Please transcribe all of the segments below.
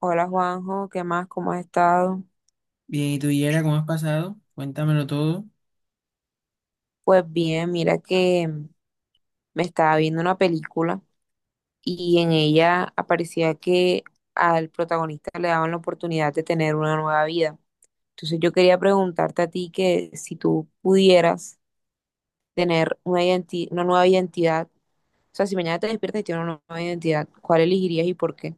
Hola Juanjo, ¿qué más? ¿Cómo has estado? Bien, ¿y tú, Yera, cómo has pasado? Cuéntamelo todo. Pues bien, mira que me estaba viendo una película y en ella aparecía que al protagonista le daban la oportunidad de tener una nueva vida. Entonces yo quería preguntarte a ti que si tú pudieras tener una nueva identidad, o sea, si mañana te despiertas y tienes una nueva identidad, ¿cuál elegirías y por qué?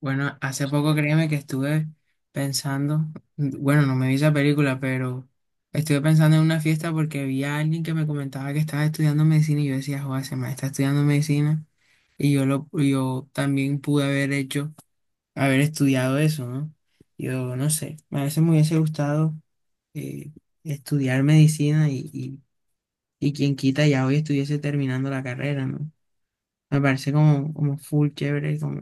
Bueno, hace poco créeme que estuve pensando, bueno, no me vi esa película, pero estuve pensando en una fiesta porque vi a alguien que me comentaba que estaba estudiando medicina y yo decía, joder, ese man está estudiando medicina y yo también pude haber hecho, haber estudiado eso, ¿no? Yo no sé, a veces me hubiese gustado eh, estudiar medicina y quien quita ya hoy estuviese terminando la carrera, ¿no? Me parece como, como full chévere como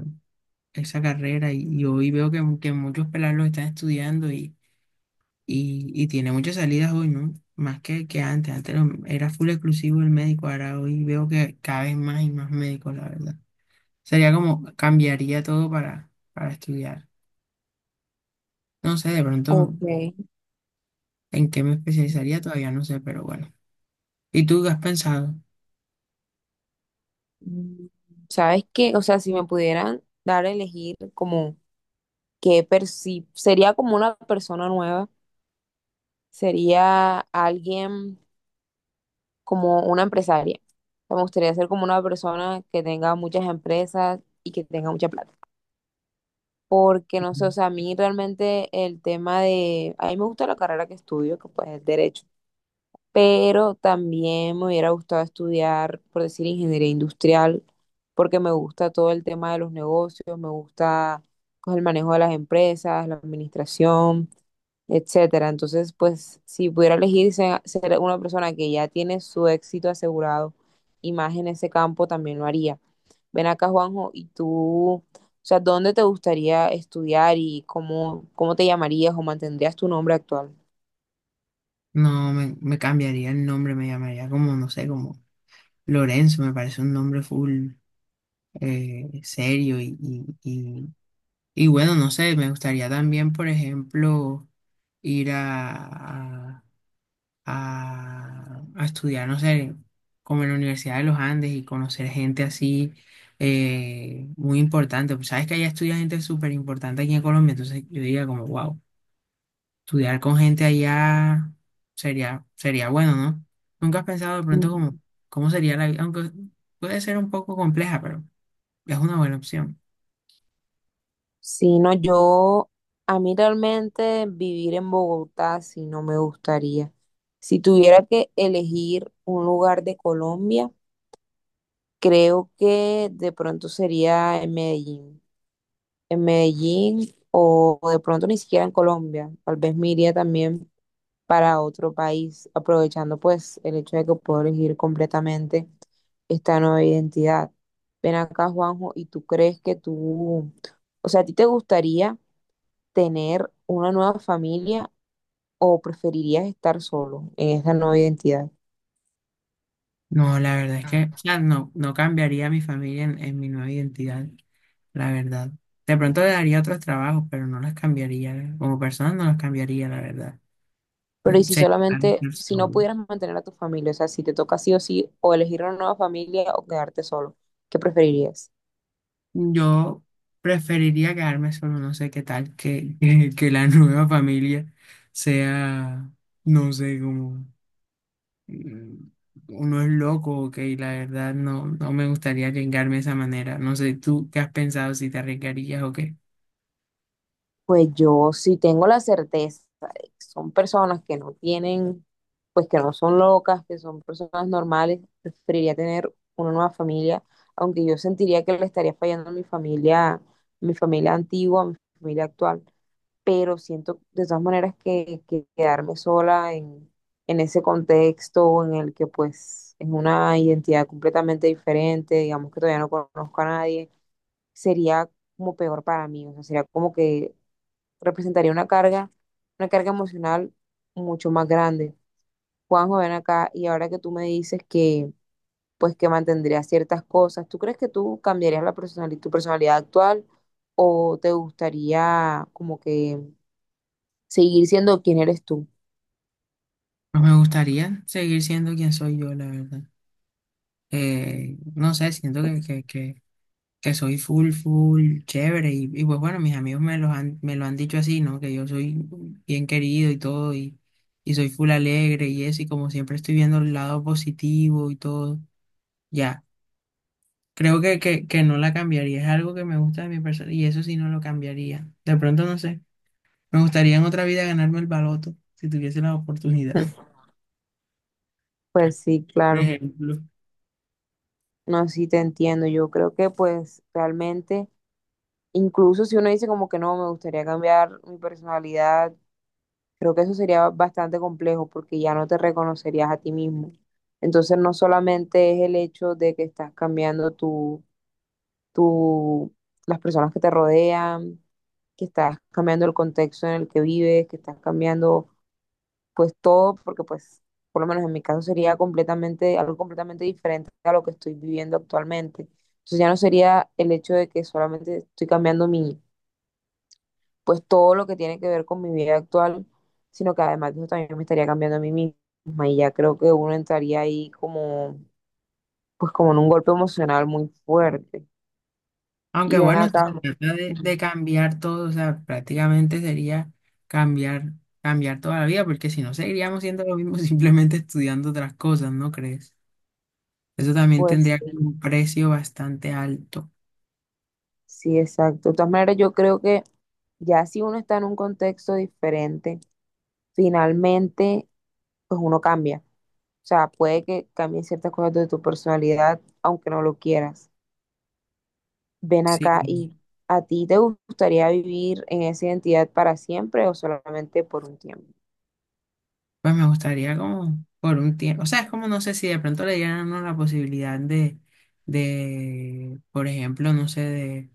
esa carrera y hoy veo que muchos pelados lo están estudiando y tiene muchas salidas hoy, ¿no? Más que antes, era full exclusivo el médico, ahora hoy veo que cada vez más y más médicos, la verdad. Sería como cambiaría todo para estudiar. No sé, de pronto Ok. en qué me especializaría todavía no sé, pero bueno. ¿Y tú qué has pensado? Mm, ¿Sabes qué? O sea, si me pudieran dar a elegir como que sería como una persona nueva, sería alguien como una empresaria. O sea, me gustaría ser como una persona que tenga muchas empresas y que tenga mucha plata. Porque no sé, o Ujú. sea, a mí realmente el tema de, a mí me gusta la carrera que estudio, que pues es derecho, pero también me hubiera gustado estudiar, por decir, ingeniería industrial, porque me gusta todo el tema de los negocios, me gusta pues, el manejo de las empresas, la administración, etcétera. Entonces, pues, si pudiera elegir ser una persona que ya tiene su éxito asegurado y más en ese campo, también lo haría. Ven acá, Juanjo, y tú, o sea, ¿dónde te gustaría estudiar y cómo, cómo te llamarías o mantendrías tu nombre actual? No, me cambiaría el nombre, me llamaría como, no sé, como Lorenzo, me parece un nombre full. Serio y bueno, no sé, me gustaría también, por ejemplo, ir a, a estudiar, no sé, como en la Universidad de los Andes y conocer gente así, muy importante. Pues, sabes que allá estudia gente súper importante aquí en Colombia, entonces yo diría como, wow, estudiar con gente allá sería, sería bueno, ¿no? ¿Nunca has pensado de pronto Ujú. como, cómo sería la vida? Aunque puede ser un poco compleja, pero es una buena opción. Si no, yo, a mí realmente vivir en Bogotá, sí no me gustaría. Si tuviera que elegir un lugar de Colombia, creo que de pronto sería en Medellín. En Medellín o de pronto ni siquiera en Colombia. Tal vez me iría también para otro país, aprovechando pues el hecho de que puedo elegir completamente esta nueva identidad. Ven acá, Juanjo, ¿y tú crees que tú, o sea, a ti te gustaría tener una nueva familia o preferirías estar solo en esta nueva identidad? No, la verdad es que, o sea, no, no cambiaría a mi familia en mi nueva identidad, la verdad. De pronto le daría otros trabajos, pero no las cambiaría. Como persona no las cambiaría, la verdad. Pero y Mm, si sería mejor solamente, estar si no solo. pudieras mantener a tu familia, o sea, si te toca sí o sí, o elegir una nueva familia o quedarte solo, ¿qué preferirías? Yo preferiría quedarme solo, no sé qué tal, que la nueva familia sea, no sé, como mm, uno es loco, ok, la verdad no, no me gustaría arriesgarme de esa manera. No sé, ¿tú qué has pensado si te arriesgarías o qué? Pues yo sí tengo la certeza de que son personas que no tienen, pues que no son locas, que son personas normales, preferiría tener una nueva familia, aunque yo sentiría que le estaría fallando a mi familia antigua, a mi familia actual, pero siento de todas maneras que quedarme sola en ese contexto en el que pues es una identidad completamente diferente, digamos que todavía no conozco a nadie, sería como peor para mí, o sea, sería como que representaría una carga emocional mucho más grande. Juanjo, ven acá y ahora que tú me dices que pues que mantendrías ciertas cosas, ¿tú crees que tú cambiarías la tu personalidad actual o te gustaría como que seguir siendo quien eres tú? Pues me gustaría seguir siendo quien soy yo, la verdad. No sé, siento que soy full, full, chévere. Y pues bueno, mis amigos me los han, me lo han dicho así, ¿no? Que yo soy bien querido y todo, y soy full alegre y eso, y como siempre estoy viendo el lado positivo y todo. Ya, creo que no la cambiaría. Es algo que me gusta de mi persona y eso sí no lo cambiaría. De pronto, no sé, me gustaría en otra vida ganarme el baloto si tuviese la oportunidad, Mm. Pues sí, por claro. ejemplo. No, sí te entiendo. Yo creo que pues realmente, incluso si uno dice como que no, me gustaría cambiar mi personalidad. Creo que eso sería bastante complejo porque ya no te reconocerías a ti mismo. Entonces, no solamente es el hecho de que estás cambiando tu, las personas que te rodean, que estás cambiando el contexto en el que vives, que estás cambiando pues todo, porque pues por lo menos en mi caso sería completamente, algo completamente diferente a lo que estoy viviendo actualmente. Entonces ya no sería el hecho de que solamente estoy cambiando mi, pues todo lo que tiene que ver con mi vida actual, sino que además de eso también me estaría cambiando a mí misma y ya creo que uno entraría ahí como, pues como en un golpe emocional muy fuerte. Aunque Y ven bueno, si acá, se trata ujú, de cambiar todo, o sea, prácticamente sería cambiar, cambiar toda la vida, porque si no seguiríamos siendo lo mismo simplemente estudiando otras cosas, ¿no crees? Eso también pues tendría sí, como un precio bastante alto. sí, exacto. De todas maneras, yo creo que ya si uno está en un contexto diferente, finalmente, pues uno cambia. O sea, puede que cambien ciertas cosas de tu personalidad, aunque no lo quieras. Ven Sí, acá y ¿a ti te gustaría vivir en esa identidad para siempre o solamente por un tiempo? pues me gustaría como por un tiempo, o sea, es como no sé si de pronto le dieran a uno la posibilidad de por ejemplo, no sé, de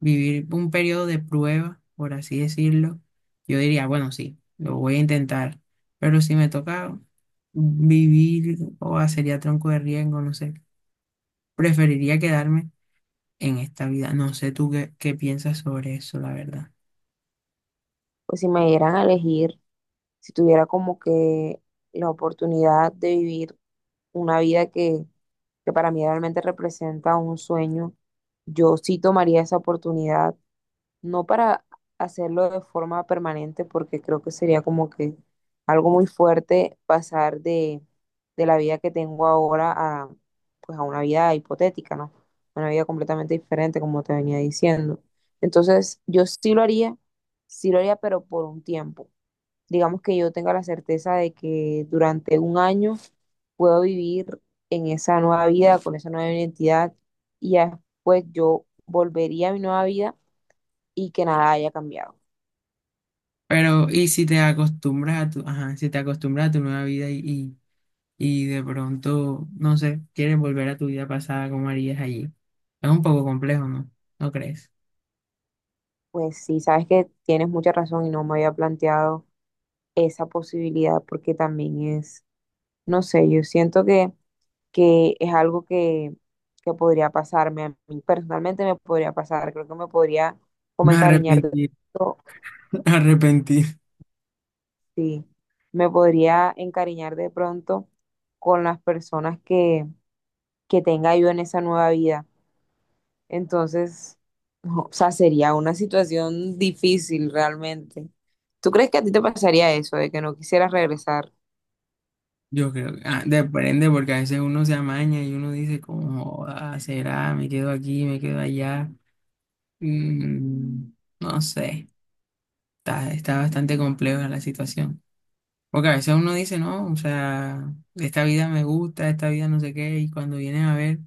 vivir un periodo de prueba, por así decirlo, yo diría, bueno, sí, lo voy a intentar, pero si me toca vivir o hacer ya tronco de riesgo, no sé, preferiría quedarme en esta vida. No sé tú qué, qué piensas sobre eso, la verdad. Pues si me dieran a elegir, si tuviera como que la oportunidad de vivir una vida que para mí realmente representa un sueño, yo sí tomaría esa oportunidad no para hacerlo de forma permanente, porque creo que sería como que algo muy fuerte pasar de la vida que tengo ahora a, pues a una vida hipotética, ¿no? Una vida completamente diferente, como te venía diciendo. Entonces, yo sí lo haría, pero por un tiempo. Digamos que yo tenga la certeza de que durante un año puedo vivir en esa nueva vida, con esa nueva identidad, y ya después yo volvería a mi nueva vida y que nada haya cambiado. Pero, ¿y si te acostumbras a tu, ajá, si te acostumbras a tu nueva vida y y de pronto, no sé, quieres volver a tu vida pasada, ¿cómo harías allí? Es un poco complejo, ¿no? ¿No crees? Pues sí, sabes que tienes mucha razón y no me había planteado esa posibilidad porque también es, no sé, yo siento que es algo que podría pasarme, a mí personalmente me podría pasar, creo que me podría como No encariñar de arrepentir, pronto, arrepentir. sí, me podría encariñar de pronto con las personas que tenga yo en esa nueva vida. Entonces, no, o sea, sería una situación difícil realmente. ¿Tú crees que a ti te pasaría eso, de que no quisieras regresar? Yo creo que ah, depende porque a veces uno se amaña y uno dice como, "Joda, será, me quedo aquí, me quedo allá". Mm, no sé, está, está bastante compleja la situación. Porque a veces uno dice, no, o sea, esta vida me gusta, esta vida no sé qué, y cuando vienen a ver...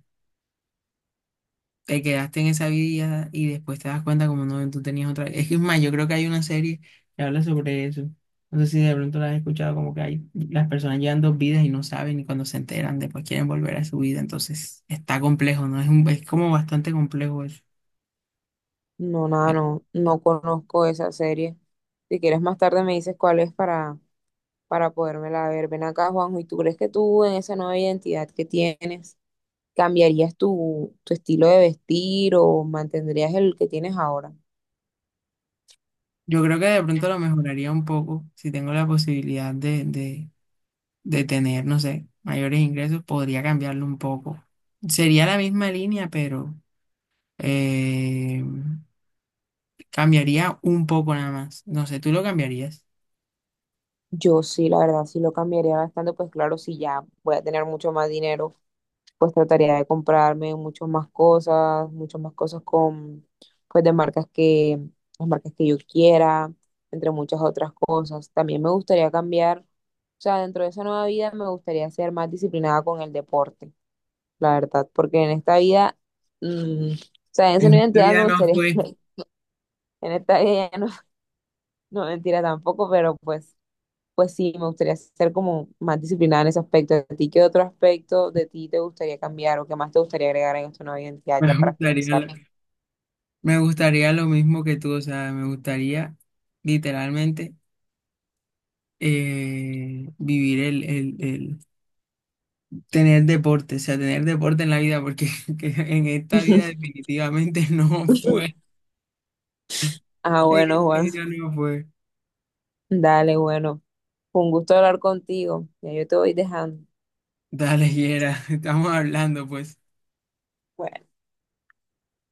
te quedaste en esa vida y después te das cuenta como no, tú tenías otra. Es que es más, yo creo que hay una serie que habla sobre eso. No sé si de pronto la has escuchado, como que hay, las personas llevan dos vidas y no saben y cuando se enteran después quieren volver a su vida. Entonces está complejo, ¿no? Es como bastante complejo eso. No, nada, no, no conozco esa serie. Si quieres más tarde me dices cuál es para podérmela ver. Ven acá, Juanjo, ¿y tú crees que tú en esa nueva identidad que tienes cambiarías tu estilo de vestir o mantendrías el que tienes ahora? Yo creo que de pronto lo mejoraría un poco si tengo la posibilidad de de tener, no sé, mayores ingresos, podría cambiarlo un poco. Sería la misma línea, pero... eh, cambiaría un poco nada más. No sé, ¿tú lo cambiarías? Yo sí, la verdad, sí lo cambiaría bastante, pues claro, si ya voy a tener mucho más dinero pues trataría de comprarme muchas más cosas con, pues de marcas que, las marcas que yo quiera, entre muchas otras cosas. También me gustaría cambiar, o sea, dentro de esa nueva vida me gustaría ser más disciplinada con el deporte, la verdad, porque en esta vida, o sea, en esa En nueva esta identidad vida me no gustaría, fue. en esta vida ya no, no mentira tampoco, pero pues sí, me gustaría ser como más disciplinada en ese aspecto. ¿A ti qué otro aspecto de ti te gustaría cambiar o qué más te gustaría agregar en esta nueva identidad Me ya para gustaría finalizar? lo, me gustaría lo mismo que tú, o sea, me gustaría literalmente, vivir tener deporte, o sea, tener deporte en la vida, porque que en esta vida definitivamente no fue. Ah, En bueno, esta Juan. vida no fue. Dale, bueno. Fue un gusto hablar contigo. Ya yo te voy dejando. Dale, Yera, estamos hablando, pues. Bueno.